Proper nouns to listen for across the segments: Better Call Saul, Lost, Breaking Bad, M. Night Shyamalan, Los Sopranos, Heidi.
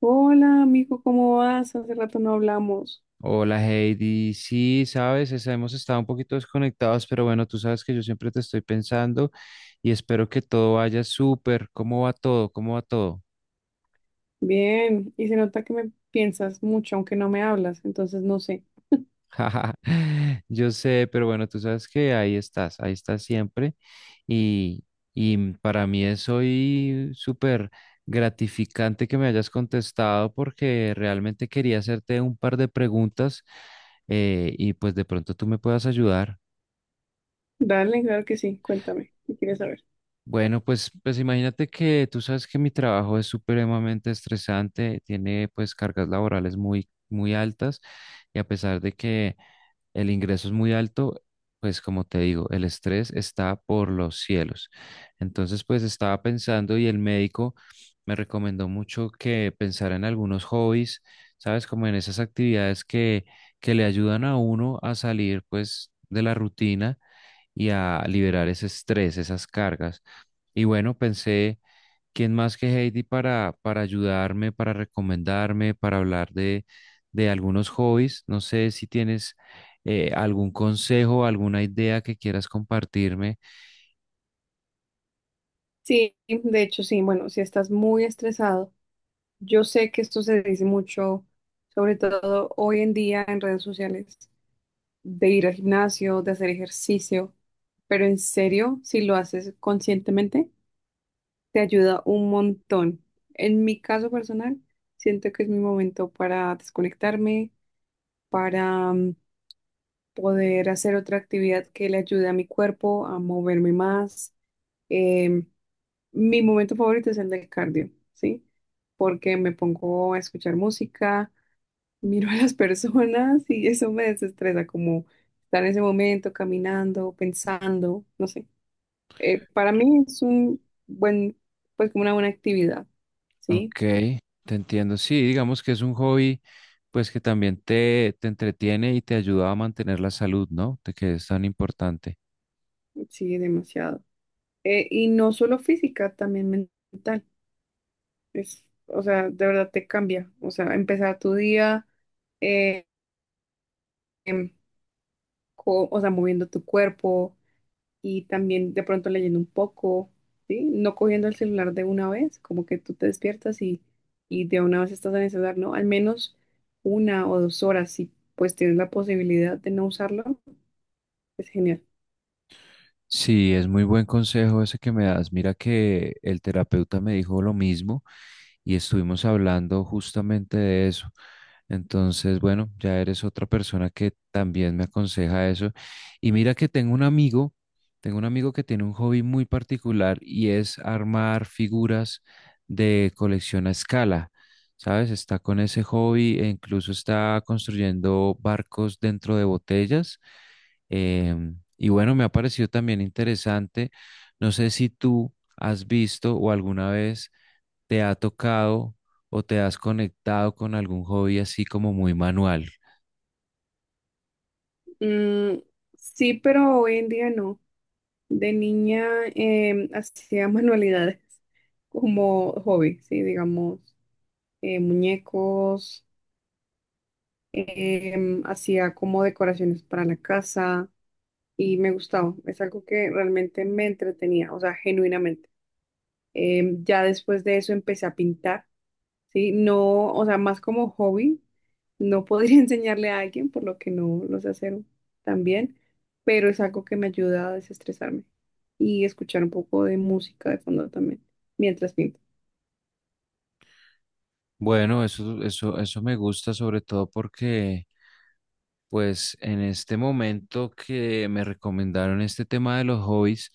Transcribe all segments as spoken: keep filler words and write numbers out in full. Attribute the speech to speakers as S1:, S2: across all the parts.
S1: Hola, amigo, ¿cómo vas? Hace rato no hablamos.
S2: Hola Heidi, sí, sabes, es- hemos estado un poquito desconectados, pero bueno, tú sabes que yo siempre te estoy pensando y espero que todo vaya súper. ¿Cómo va todo? ¿Cómo va todo?
S1: Bien, y se nota que me piensas mucho, aunque no me hablas, entonces no sé.
S2: Jaja, yo sé, pero bueno, tú sabes que ahí estás, ahí estás siempre y, y para mí es hoy súper gratificante que me hayas contestado porque realmente quería hacerte un par de preguntas, eh, y pues de pronto tú me puedas ayudar.
S1: Dale, claro que sí, cuéntame, ¿qué quieres saber?
S2: Bueno, pues, pues imagínate que tú sabes que mi trabajo es supremamente estresante, tiene pues cargas laborales muy, muy altas, y a pesar de que el ingreso es muy alto, pues como te digo, el estrés está por los cielos. Entonces, pues estaba pensando y el médico me recomendó mucho que pensara en algunos hobbies, sabes, como en esas actividades que, que le ayudan a uno a salir pues de la rutina y a liberar ese estrés, esas cargas. Y bueno, pensé, ¿quién más que Heidi para, para ayudarme, para recomendarme, para hablar de, de algunos hobbies? No sé si tienes eh, algún consejo, alguna idea que quieras compartirme.
S1: Sí, de hecho sí, bueno, si estás muy estresado, yo sé que esto se dice mucho, sobre todo hoy en día en redes sociales, de ir al gimnasio, de hacer ejercicio, pero en serio, si lo haces conscientemente, te ayuda un montón. En mi caso personal, siento que es mi momento para desconectarme, para mm, poder hacer otra actividad que le ayude a mi cuerpo a moverme más. Em, Mi momento favorito es el del cardio, ¿sí? Porque me pongo a escuchar música, miro a las personas y eso me desestresa, como estar en ese momento caminando, pensando, no sé. Eh, para mí es un buen, pues como una buena actividad,
S2: Ok,
S1: ¿sí?
S2: te entiendo. Sí, digamos que es un hobby, pues que también te, te entretiene y te ayuda a mantener la salud, ¿no? De que es tan importante.
S1: Sí, demasiado. Eh, y no solo física, también mental. Es, o sea, de verdad te cambia. O sea, empezar tu día, eh, em, co- o sea, moviendo tu cuerpo y también de pronto leyendo un poco, ¿sí? No cogiendo el celular de una vez, como que tú te despiertas y, y de una vez estás en el celular, ¿no? Al menos una o dos horas, si pues tienes la posibilidad de no usarlo, es genial.
S2: Sí, es muy buen consejo ese que me das. Mira que el terapeuta me dijo lo mismo y estuvimos hablando justamente de eso. Entonces, bueno, ya eres otra persona que también me aconseja eso. Y mira que tengo un amigo, tengo un amigo que tiene un hobby muy particular y es armar figuras de colección a escala. ¿Sabes? Está con ese hobby e incluso está construyendo barcos dentro de botellas. Em, y bueno, me ha parecido también interesante. No sé si tú has visto o alguna vez te ha tocado o te has conectado con algún hobby así como muy manual.
S1: Mm, sí, pero hoy en día no. De niña em, hacía manualidades como hobby, sí, digamos, eh, muñecos, em, hacía como decoraciones para la casa y me gustaba. Es algo que realmente me entretenía, o sea, genuinamente. Em, ya después de eso empecé a pintar. Sí, no, o sea, más como hobby, no podría enseñarle a alguien, por lo que no lo sé hacer tan bien, pero es algo que me ayuda a desestresarme y escuchar un poco de música de fondo también, mientras pinto.
S2: Bueno, eso, eso, eso me gusta sobre todo porque pues en este momento que me recomendaron este tema de los hobbies,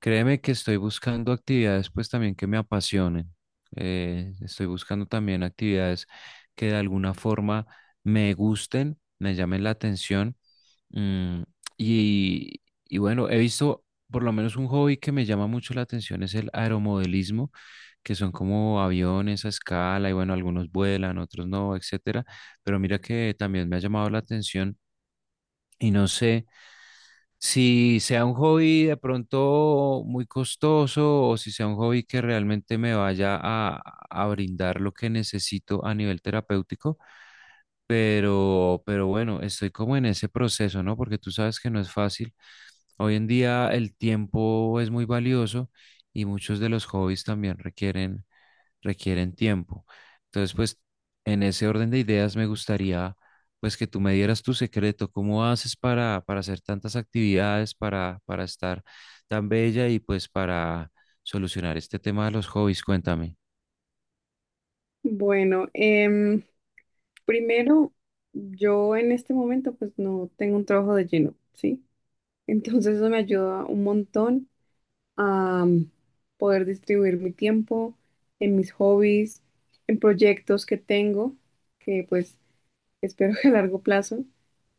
S2: créeme que estoy buscando actividades pues también que me apasionen. Eh, estoy buscando también actividades que de alguna forma me gusten, me llamen la atención. mm, y, y bueno, he visto por lo menos un hobby que me llama mucho la atención es el aeromodelismo, que son como aviones a escala y bueno, algunos vuelan, otros no, etcétera. Pero mira que también me ha llamado la atención y no sé si sea un hobby de pronto muy costoso o si sea un hobby que realmente me vaya a, a brindar lo que necesito a nivel terapéutico, pero, pero bueno, estoy como en ese proceso, ¿no? Porque tú sabes que no es fácil. Hoy en día el tiempo es muy valioso y muchos de los hobbies también requieren requieren tiempo. Entonces, pues en ese orden de ideas me gustaría pues que tú me dieras tu secreto, cómo haces para, para hacer tantas actividades, para, para estar tan bella y pues para solucionar este tema de los hobbies, cuéntame.
S1: Bueno, em, primero, yo en este momento pues no tengo un trabajo de lleno, ¿sí? Entonces eso me ayuda un montón a mm, poder distribuir mi tiempo en mis hobbies, en proyectos que tengo, que pues espero que a largo plazo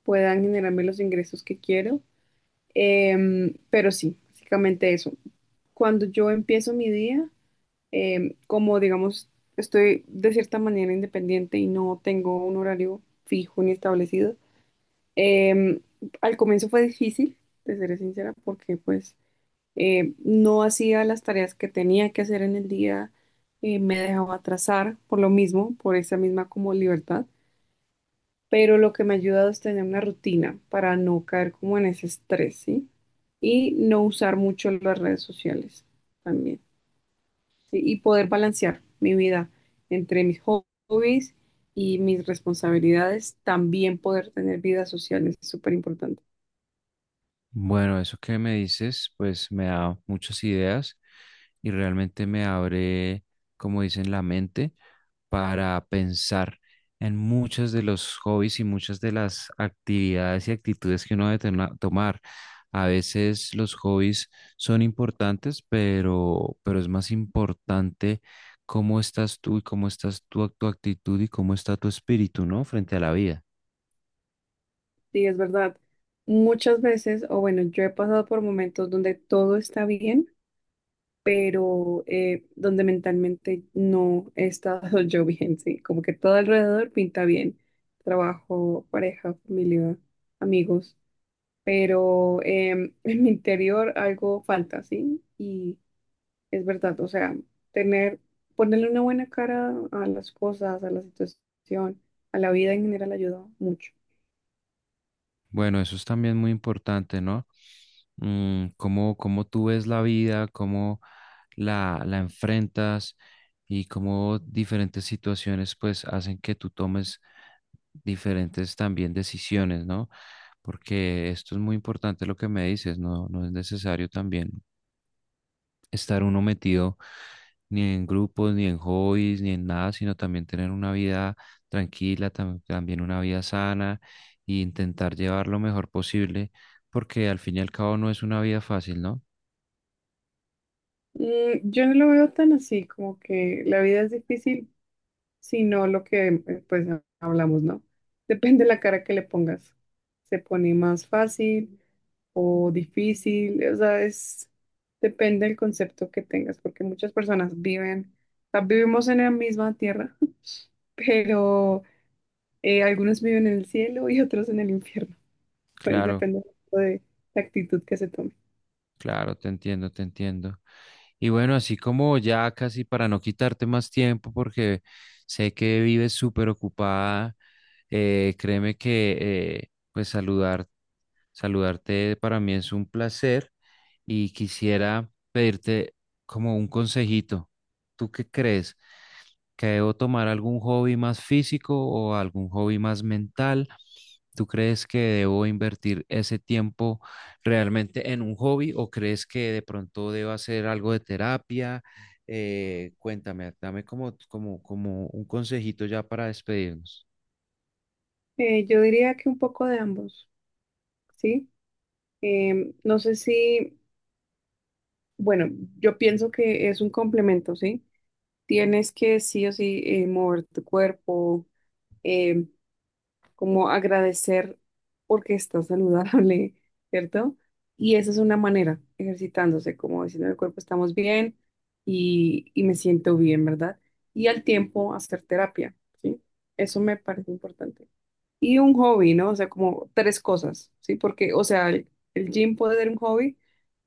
S1: puedan generarme los ingresos que quiero. Em, pero sí, básicamente eso. Cuando yo empiezo mi día, em, como digamos, estoy de cierta manera independiente y no tengo un horario fijo ni establecido, em, al comienzo fue difícil, te seré sincera, porque pues em, no hacía las tareas que tenía que hacer en el día, eh, me dejaba atrasar por lo mismo, por esa misma como libertad. Pero lo que me ha ayudado es tener una rutina para no caer como en ese estrés, ¿sí? Y no usar mucho las redes sociales también, ¿sí? Y poder balancear mi vida entre mis hobbies y mis responsabilidades, también poder tener vida social es súper importante.
S2: Bueno, eso que me dices, pues me da muchas ideas y realmente me abre, como dicen, la mente para pensar en muchos de los hobbies y muchas de las actividades y actitudes que uno debe tena- tomar. A veces los hobbies son importantes, pero, pero es más importante cómo estás tú y cómo estás tú, tu actitud y cómo está tu espíritu, ¿no? Frente a la vida.
S1: Sí, es verdad. Muchas veces, o bueno, yo he pasado por momentos donde todo está bien pero eh, donde mentalmente no he estado yo bien, sí, como que todo alrededor pinta bien, trabajo, pareja, familia, amigos, pero em, en mi interior algo falta, sí, y es verdad, o sea, tener, ponerle una buena cara a las cosas, a la situación, a la vida en general ayuda mucho.
S2: Bueno, eso es también muy importante, ¿no? Mm, cómo, cómo tú ves la vida, cómo la, la enfrentas y cómo diferentes situaciones pues hacen que tú tomes diferentes también decisiones, ¿no? Porque esto es muy importante lo que me dices, ¿no? No es necesario también estar uno metido ni en grupos, ni en hobbies, ni en nada, sino también tener una vida tranquila, tam- también una vida sana e intentar llevar lo mejor posible, porque al fin y al cabo no es una vida fácil, ¿no?
S1: Mm, yo no lo veo tan así, como que la vida es difícil, sino lo que eh, pues hablamos, ¿no? Depende de la cara que le pongas. Se pone más fácil o difícil, o sea, es depende del concepto que tengas, porque muchas personas viven, o sea, vivimos en la misma tierra, pero eh, algunos viven en el cielo y otros en el infierno. Pues
S2: Claro,
S1: depende mucho de la actitud que se tome.
S2: claro, te entiendo, te entiendo. Y bueno, así como ya casi para no quitarte más tiempo, porque sé que vives súper ocupada, eh, créeme que... eh, pues saludar saludarte para mí es un placer y quisiera pedirte como un consejito. ¿Tú qué crees? ¿Que debo tomar algún hobby más físico o algún hobby más mental? ¿Tú crees que debo invertir ese tiempo realmente en un hobby o crees que de pronto debo hacer algo de terapia? Eh, cuéntame, dame como, como, como un consejito ya para despedirnos.
S1: Eh, yo diría que un poco de ambos, ¿sí? Em, no sé si, bueno, yo pienso que es un complemento, ¿sí? Tienes que sí o sí eh, mover tu cuerpo, eh, como agradecer porque estás saludable, ¿cierto? Y esa es una manera, ejercitándose, como diciendo al cuerpo estamos bien y, y me siento bien, ¿verdad? Y al tiempo hacer terapia, ¿sí? Eso me parece importante. Y un hobby, ¿no? O sea, como tres cosas, ¿sí? Porque, o sea, el, el gym puede ser un hobby,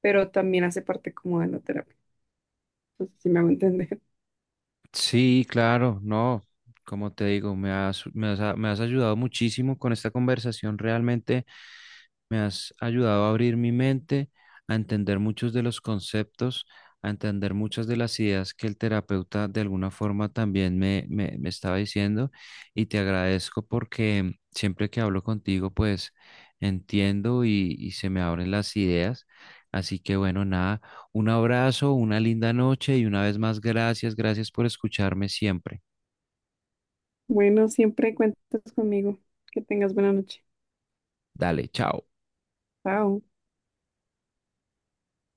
S1: pero también hace parte como de la terapia. No sé si me hago entender.
S2: Sí, claro, no, como te digo, me has, me has, a- me has ayudado muchísimo con esta conversación, realmente me has ayudado a abrir mi mente, a entender muchos de los conceptos, a entender muchas de las ideas que el terapeuta de alguna forma también me, me, me estaba diciendo y te agradezco porque siempre que hablo contigo, pues entiendo y, y se me abren las ideas, así que bueno, nada. Un abrazo, una linda noche y una vez más gracias, gracias por escucharme siempre.
S1: Bueno, siempre cuentas conmigo. Que tengas buena noche.
S2: Dale, chao.
S1: Chao.